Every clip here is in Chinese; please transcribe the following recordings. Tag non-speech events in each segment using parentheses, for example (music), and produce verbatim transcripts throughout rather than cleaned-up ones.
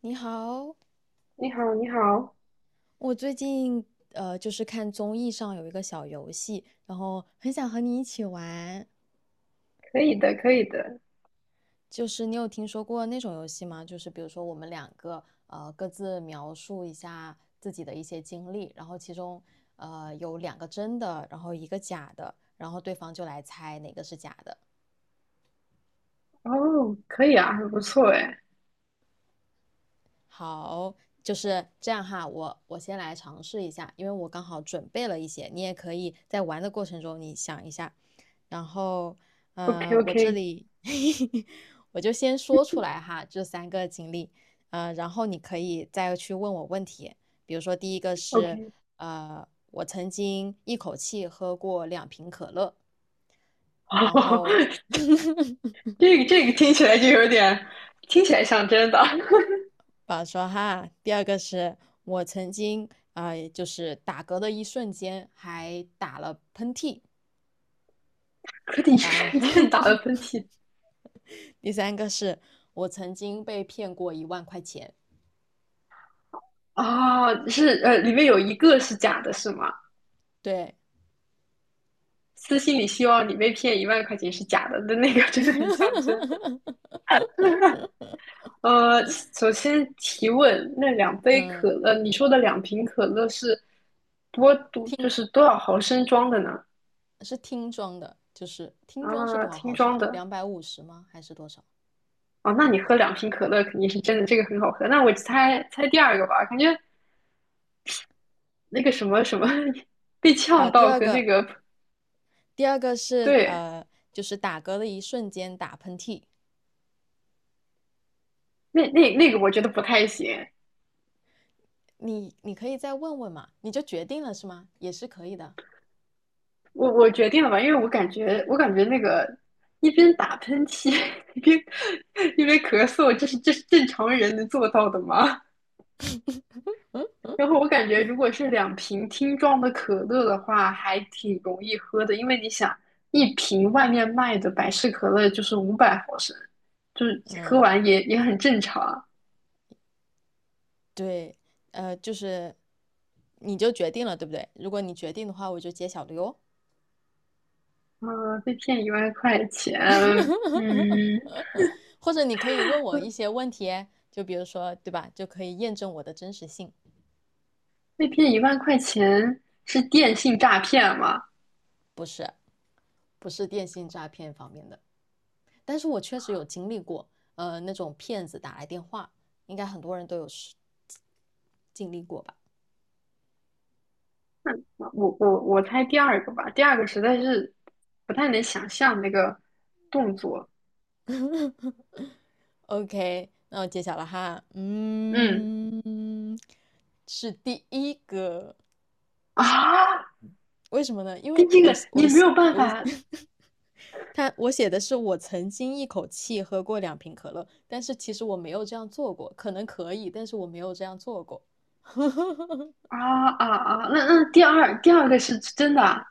你好，你好，你好，我最近呃就是看综艺上有一个小游戏，然后很想和你一起玩。可以的，可以的，就是你有听说过那种游戏吗？就是比如说我们两个呃各自描述一下自己的一些经历，然后其中呃有两个真的，然后一个假的，然后对方就来猜哪个是假的。哦，可以啊，很不错哎好，就是这样哈。我我先来尝试一下，因为我刚好准备了一些，你也可以在玩的过程中你想一下。然后，呃，我这，OK，OK，OK。里 (laughs) 我就先说出来哈，这三个经历，呃，然后你可以再去问我问题。比如说，第一个是，(laughs) 呃，我曾经一口气喝过两瓶可乐，然哦，后这个这个听起来就有点，听起来像真的。保说哈，第二个是我曾经啊、呃就是打嗝的一瞬间还打了喷嚏，(laughs) 可你然瞬后 间打了喷 (laughs) 嚏第三个是我曾经被骗过一万块钱，啊。哦，是呃，里面有一个是假的，是吗？对，私信里希望你被骗一万块钱是假的的那个真的很像真的。(laughs) 呃，首先提问，那两杯可嗯，乐，你说的两瓶可乐是多多，就听是多少毫升装的呢？是听装的，就是听装是啊，多少听毫升装啊？的两百五十吗？还是多少？哦。那你喝两瓶可乐肯定是真的，这个很好喝。那我猜猜第二个吧，感觉那个什么什么 (laughs) 被啊、呛第到二和那个，个。第二个是对，呃，就是打嗝的一瞬间打喷嚏，那那那个我觉得不太行。你你可以再问问嘛，你就决定了是吗？也是可以的。我我决定了吧，因为我感觉我感觉那个一边打喷嚏 (laughs) 一边一边咳嗽，这是这是正常人能做到的吗？然后我感觉，如果是两瓶听装的可乐的话，还挺容易喝的，因为你想，一瓶外面卖的百事可乐就是五百毫升，就是喝嗯完也也很正常。对，呃，就是你就决定了，对不对？如果你决定的话，我就揭晓了哟。啊，被骗一万块钱。嗯，或者你可以问我一些问题，就比如说，对吧？就可以验证我的真实性，被骗一万块钱是电信诈骗吗？不是不是电信诈骗方面的。但是我确实有经历过，呃，那种骗子打来电话，应该很多人都有是经历过吧呃我我我猜第二个吧，第二个实在是不太能想象那个动作。？OK，那我揭晓了哈，嗯。 嗯，是第一个，(laughs) 啊，为什么呢？因第为一我个我你没有办我 法。 (laughs) 他我写的是我曾经一口气喝过两瓶可乐，但是其实我没有这样做过，可能可以，但是我没有这样做过。啊啊啊！那那第二第二个是真的啊。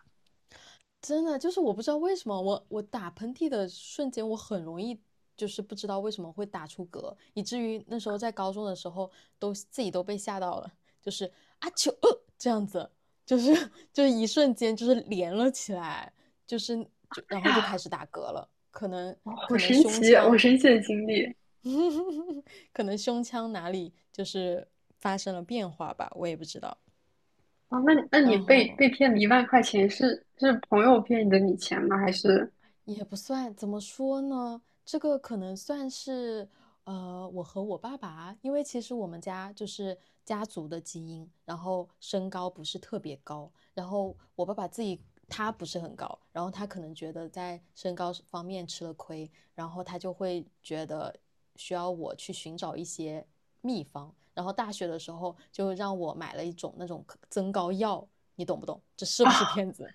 真的就是我不知道为什么我我打喷嚏的瞬间，我很容易就是不知道为什么会打出嗝，以至于那时候在高中的时候都自己都被吓到了，就是啊球呃这样子，就是就是一瞬间就是连了起来，就是就哎然后就开呀，始打嗝了，可能可好能神胸奇，好腔 神奇的经历 (laughs) 可能胸腔哪里就是发生了变化吧，我也不知道。啊！那那你然被后被骗了一万块钱，是是朋友骗你的你钱吗？还是也不算，怎么说呢？这个可能算是，呃，我和我爸爸，因为其实我们家就是家族的基因，然后身高不是特别高，然后我爸爸自己他不是很高，然后他可能觉得在身高方面吃了亏，然后他就会觉得需要我去寻找一些秘方，然后大学的时候就让我买了一种那种增高药，你懂不懂？这是不是啊，骗子？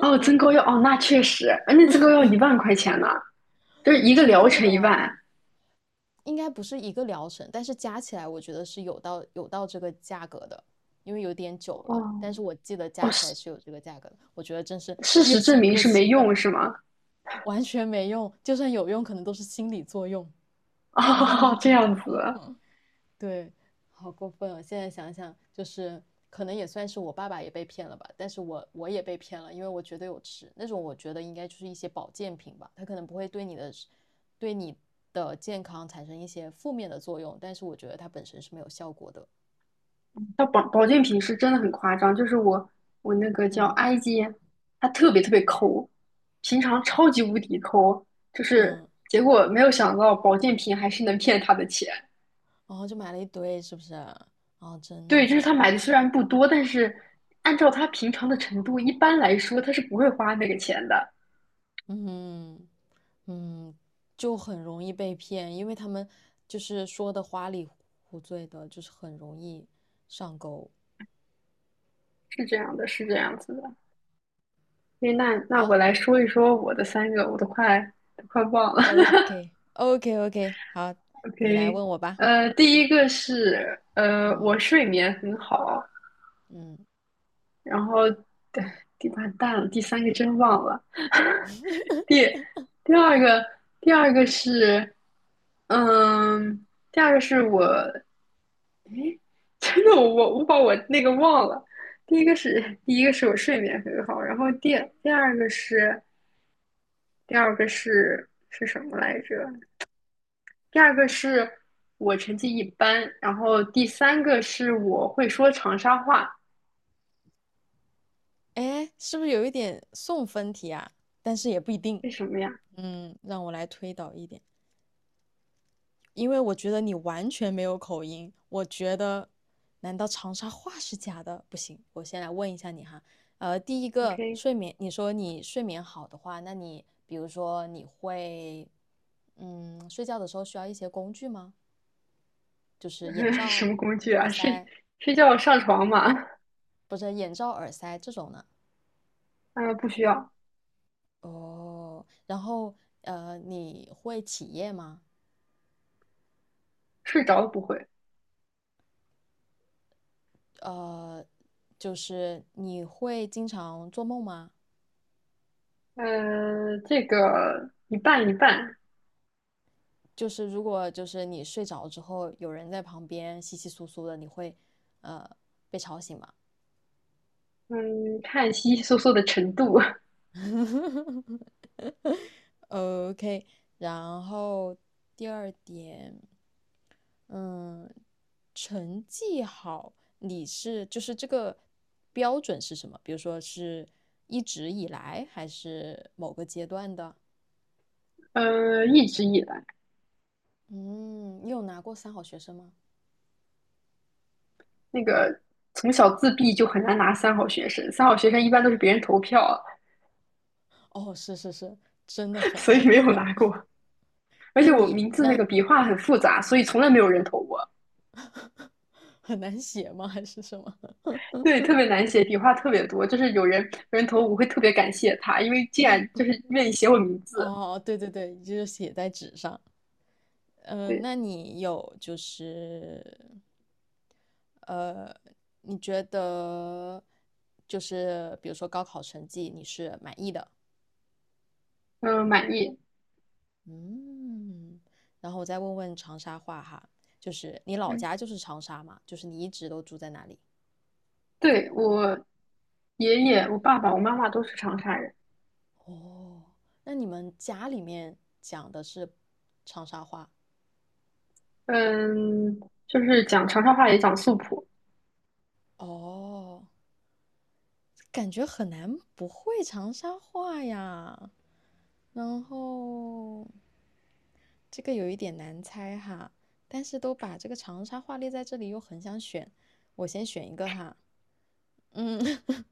哦， (laughs) 增购嗯，药哦，那确实。哎，那增购药一万块钱呢，就是一个挺疗贵程一的。万。应该不是一个疗程，但是加起来我觉得是有到有到这个价格的，因为有点久了，哦但是我记得哦，加起来事是有这个价格的。我觉得真是 (laughs) 事越实证想明越是气没愤，用是吗？完全没用，就算有用，可能都是心理作用。(laughs) 哦，这样子。对，好过分哦！现在想想，就是可能也算是我爸爸也被骗了吧，但是我我也被骗了，因为我觉得有吃那种，我觉得应该就是一些保健品吧，它可能不会对你的对你的健康产生一些负面的作用，但是我觉得它本身是没有效果的。到保保健品是真的很夸张。就是我我那个叫嗯埃及，他特别特别抠，平常超级无敌抠，就是嗯，结果没有想到保健品还是能骗他的钱。然后就买了一堆，是不是？啊，真对，就是他的，买的虽然不多，但是按照他平常的程度，一般来说他是不会花那个钱的。嗯嗯，就很容易被骗，因为他们就是说的花里胡醉的，就是很容易上钩。是这样的，是这样子的。所以那那我好来说一说我的三个，我都快都快忘了。，OK OK OK，好，(laughs) 你来 OK。问我吧。呃，第一个是呃，嗯我睡眠很好。嗯，然后对，第八蛋了，第三个真忘了。(laughs) 第第二个，第二个是，嗯，第二个是我，诶。(laughs) 真的我我我把我那个忘了。第一个是第一个是我睡眠很好，然后第第二个是第二个是是什么来着？第二个是我成绩一般，然后第三个是我会说长沙话。哎，是不是有一点送分题啊？但是也不一定。为什么呀嗯，让我来推导一点。因为我觉得你完全没有口音，我觉得，难道长沙话是假的？不行，我先来问一下你哈。呃，第一个？OK。睡眠，你说你睡眠好的话，那你比如说你会，嗯，睡觉的时候需要一些工具吗？就是眼 (laughs) 什罩、么工具耳啊？睡塞，睡觉上床吗？不是眼罩、耳塞这种呢？嗯，不需要。哦，然后呃，你会起夜吗？睡着了不会。呃，就是你会经常做梦吗？呃，这个一半一半。就是如果就是你睡着之后有人在旁边窸窸窣窣的，你会呃被吵醒吗 嗯，看稀稀疏疏的程度。(laughs)？OK，然后第二点，嗯，成绩好，你是就是这个标准是什么？比如说是一直以来，还是某个阶段的？呃，一直以来。嗯，你有拿过三好学生吗？那个从小自闭就很难拿三好学生，三好学生一般都是别人投票。哦，是是是，真的 (laughs) 很所爱以没投有票。拿 (laughs) 过。而那且我你名字那那个笔画很复杂，所以从来没有人投我。很难写吗？还是什么？对，(laughs) 特别难写，笔画特别多，就是有人有人投我会特别感谢他，因为既然就是愿意写我名字。哦，对对对，就是写在纸上。嗯、对。那你有就是呃，你觉得就是比如说高考成绩你是满意的？嗯，满意。嗯，然后我再问问长沙话哈，就是你老嗯，家就是长沙嘛？就是你一直都住在哪里？对，我爷爷、我爸爸、我妈妈都是长沙人。哦，那你们家里面讲的是长沙话？嗯，就是讲长沙话也讲素普。哦，感觉很难不会长沙话呀。然后这个有一点难猜哈，但是都把这个长沙话列在这里，又很想选，我先选一个哈。嗯，(laughs)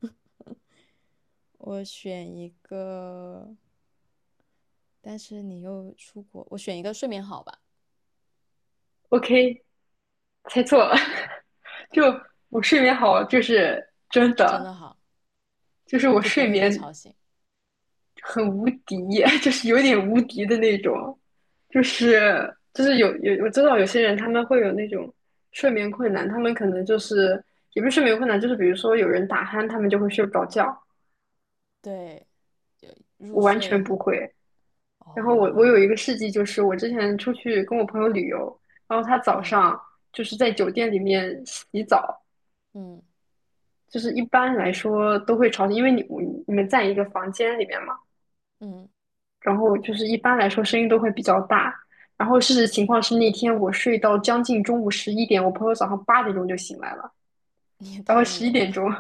我选一个，但是你又出国，我选一个睡眠好吧，OK，猜错了。(laughs) 就我睡眠好，就是真真的的，好，就是我就不睡会被眠吵醒。很无敌。(laughs) 就是有点无敌的那种，就是就是有有我知道有些人他们会有那种睡眠困难，他们可能就是也不是睡眠困难，就是比如说有人打鼾，他们就会睡不着觉，对，就入我完睡全不很，会。然后我我有一哦，个事迹，就是我之前出去跟我朋友旅游，然后他早嗯上就是在酒店里面洗澡，嗯就是一般来说都会吵，因为你你们在一个房间里面嘛，嗯，然后就是一般来说声音都会比较大。然后事实情况是那天我睡到将近中午十一点，我朋友早上八点钟就醒来了，(laughs) 你也然后太十牛一点了，钟，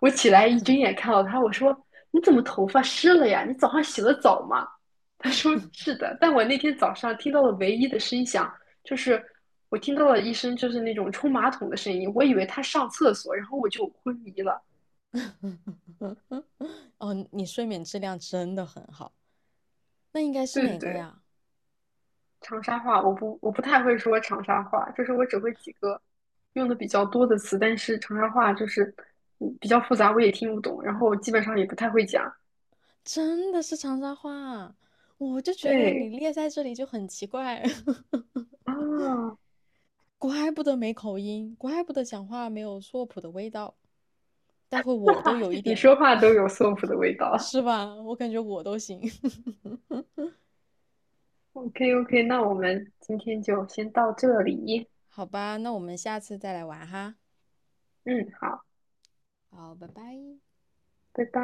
我起来一睁眼看到他，我说：“你怎么头发湿了呀？你早上洗的澡吗？” (laughs) 他说：“是的。”但我那天早上听到了唯一的声响，就是我听到了一声就是那种冲马桶的声音，我以为他上厕所，然后我就昏迷了。哦，你睡眠质量真的很好。那应该是对对哪个对，呀？长沙话我不我不太会说长沙话，就是我只会几个用的比较多的词，但是长沙话就是嗯比较复杂，我也听不懂，然后基本上也不太会讲。真的是长沙话，我就觉得你对列在这里就很奇怪，(laughs) 啊，怪不得没口音，怪不得讲话没有硕普的味道。待会我都有一你点说了，话都有 (laughs) soap 的味道。是吧？我感觉我都行。(laughs) OK OK，那我们今天就先到这里。好吧，那我们下次再来玩哈。嗯，好，好，拜拜。拜拜。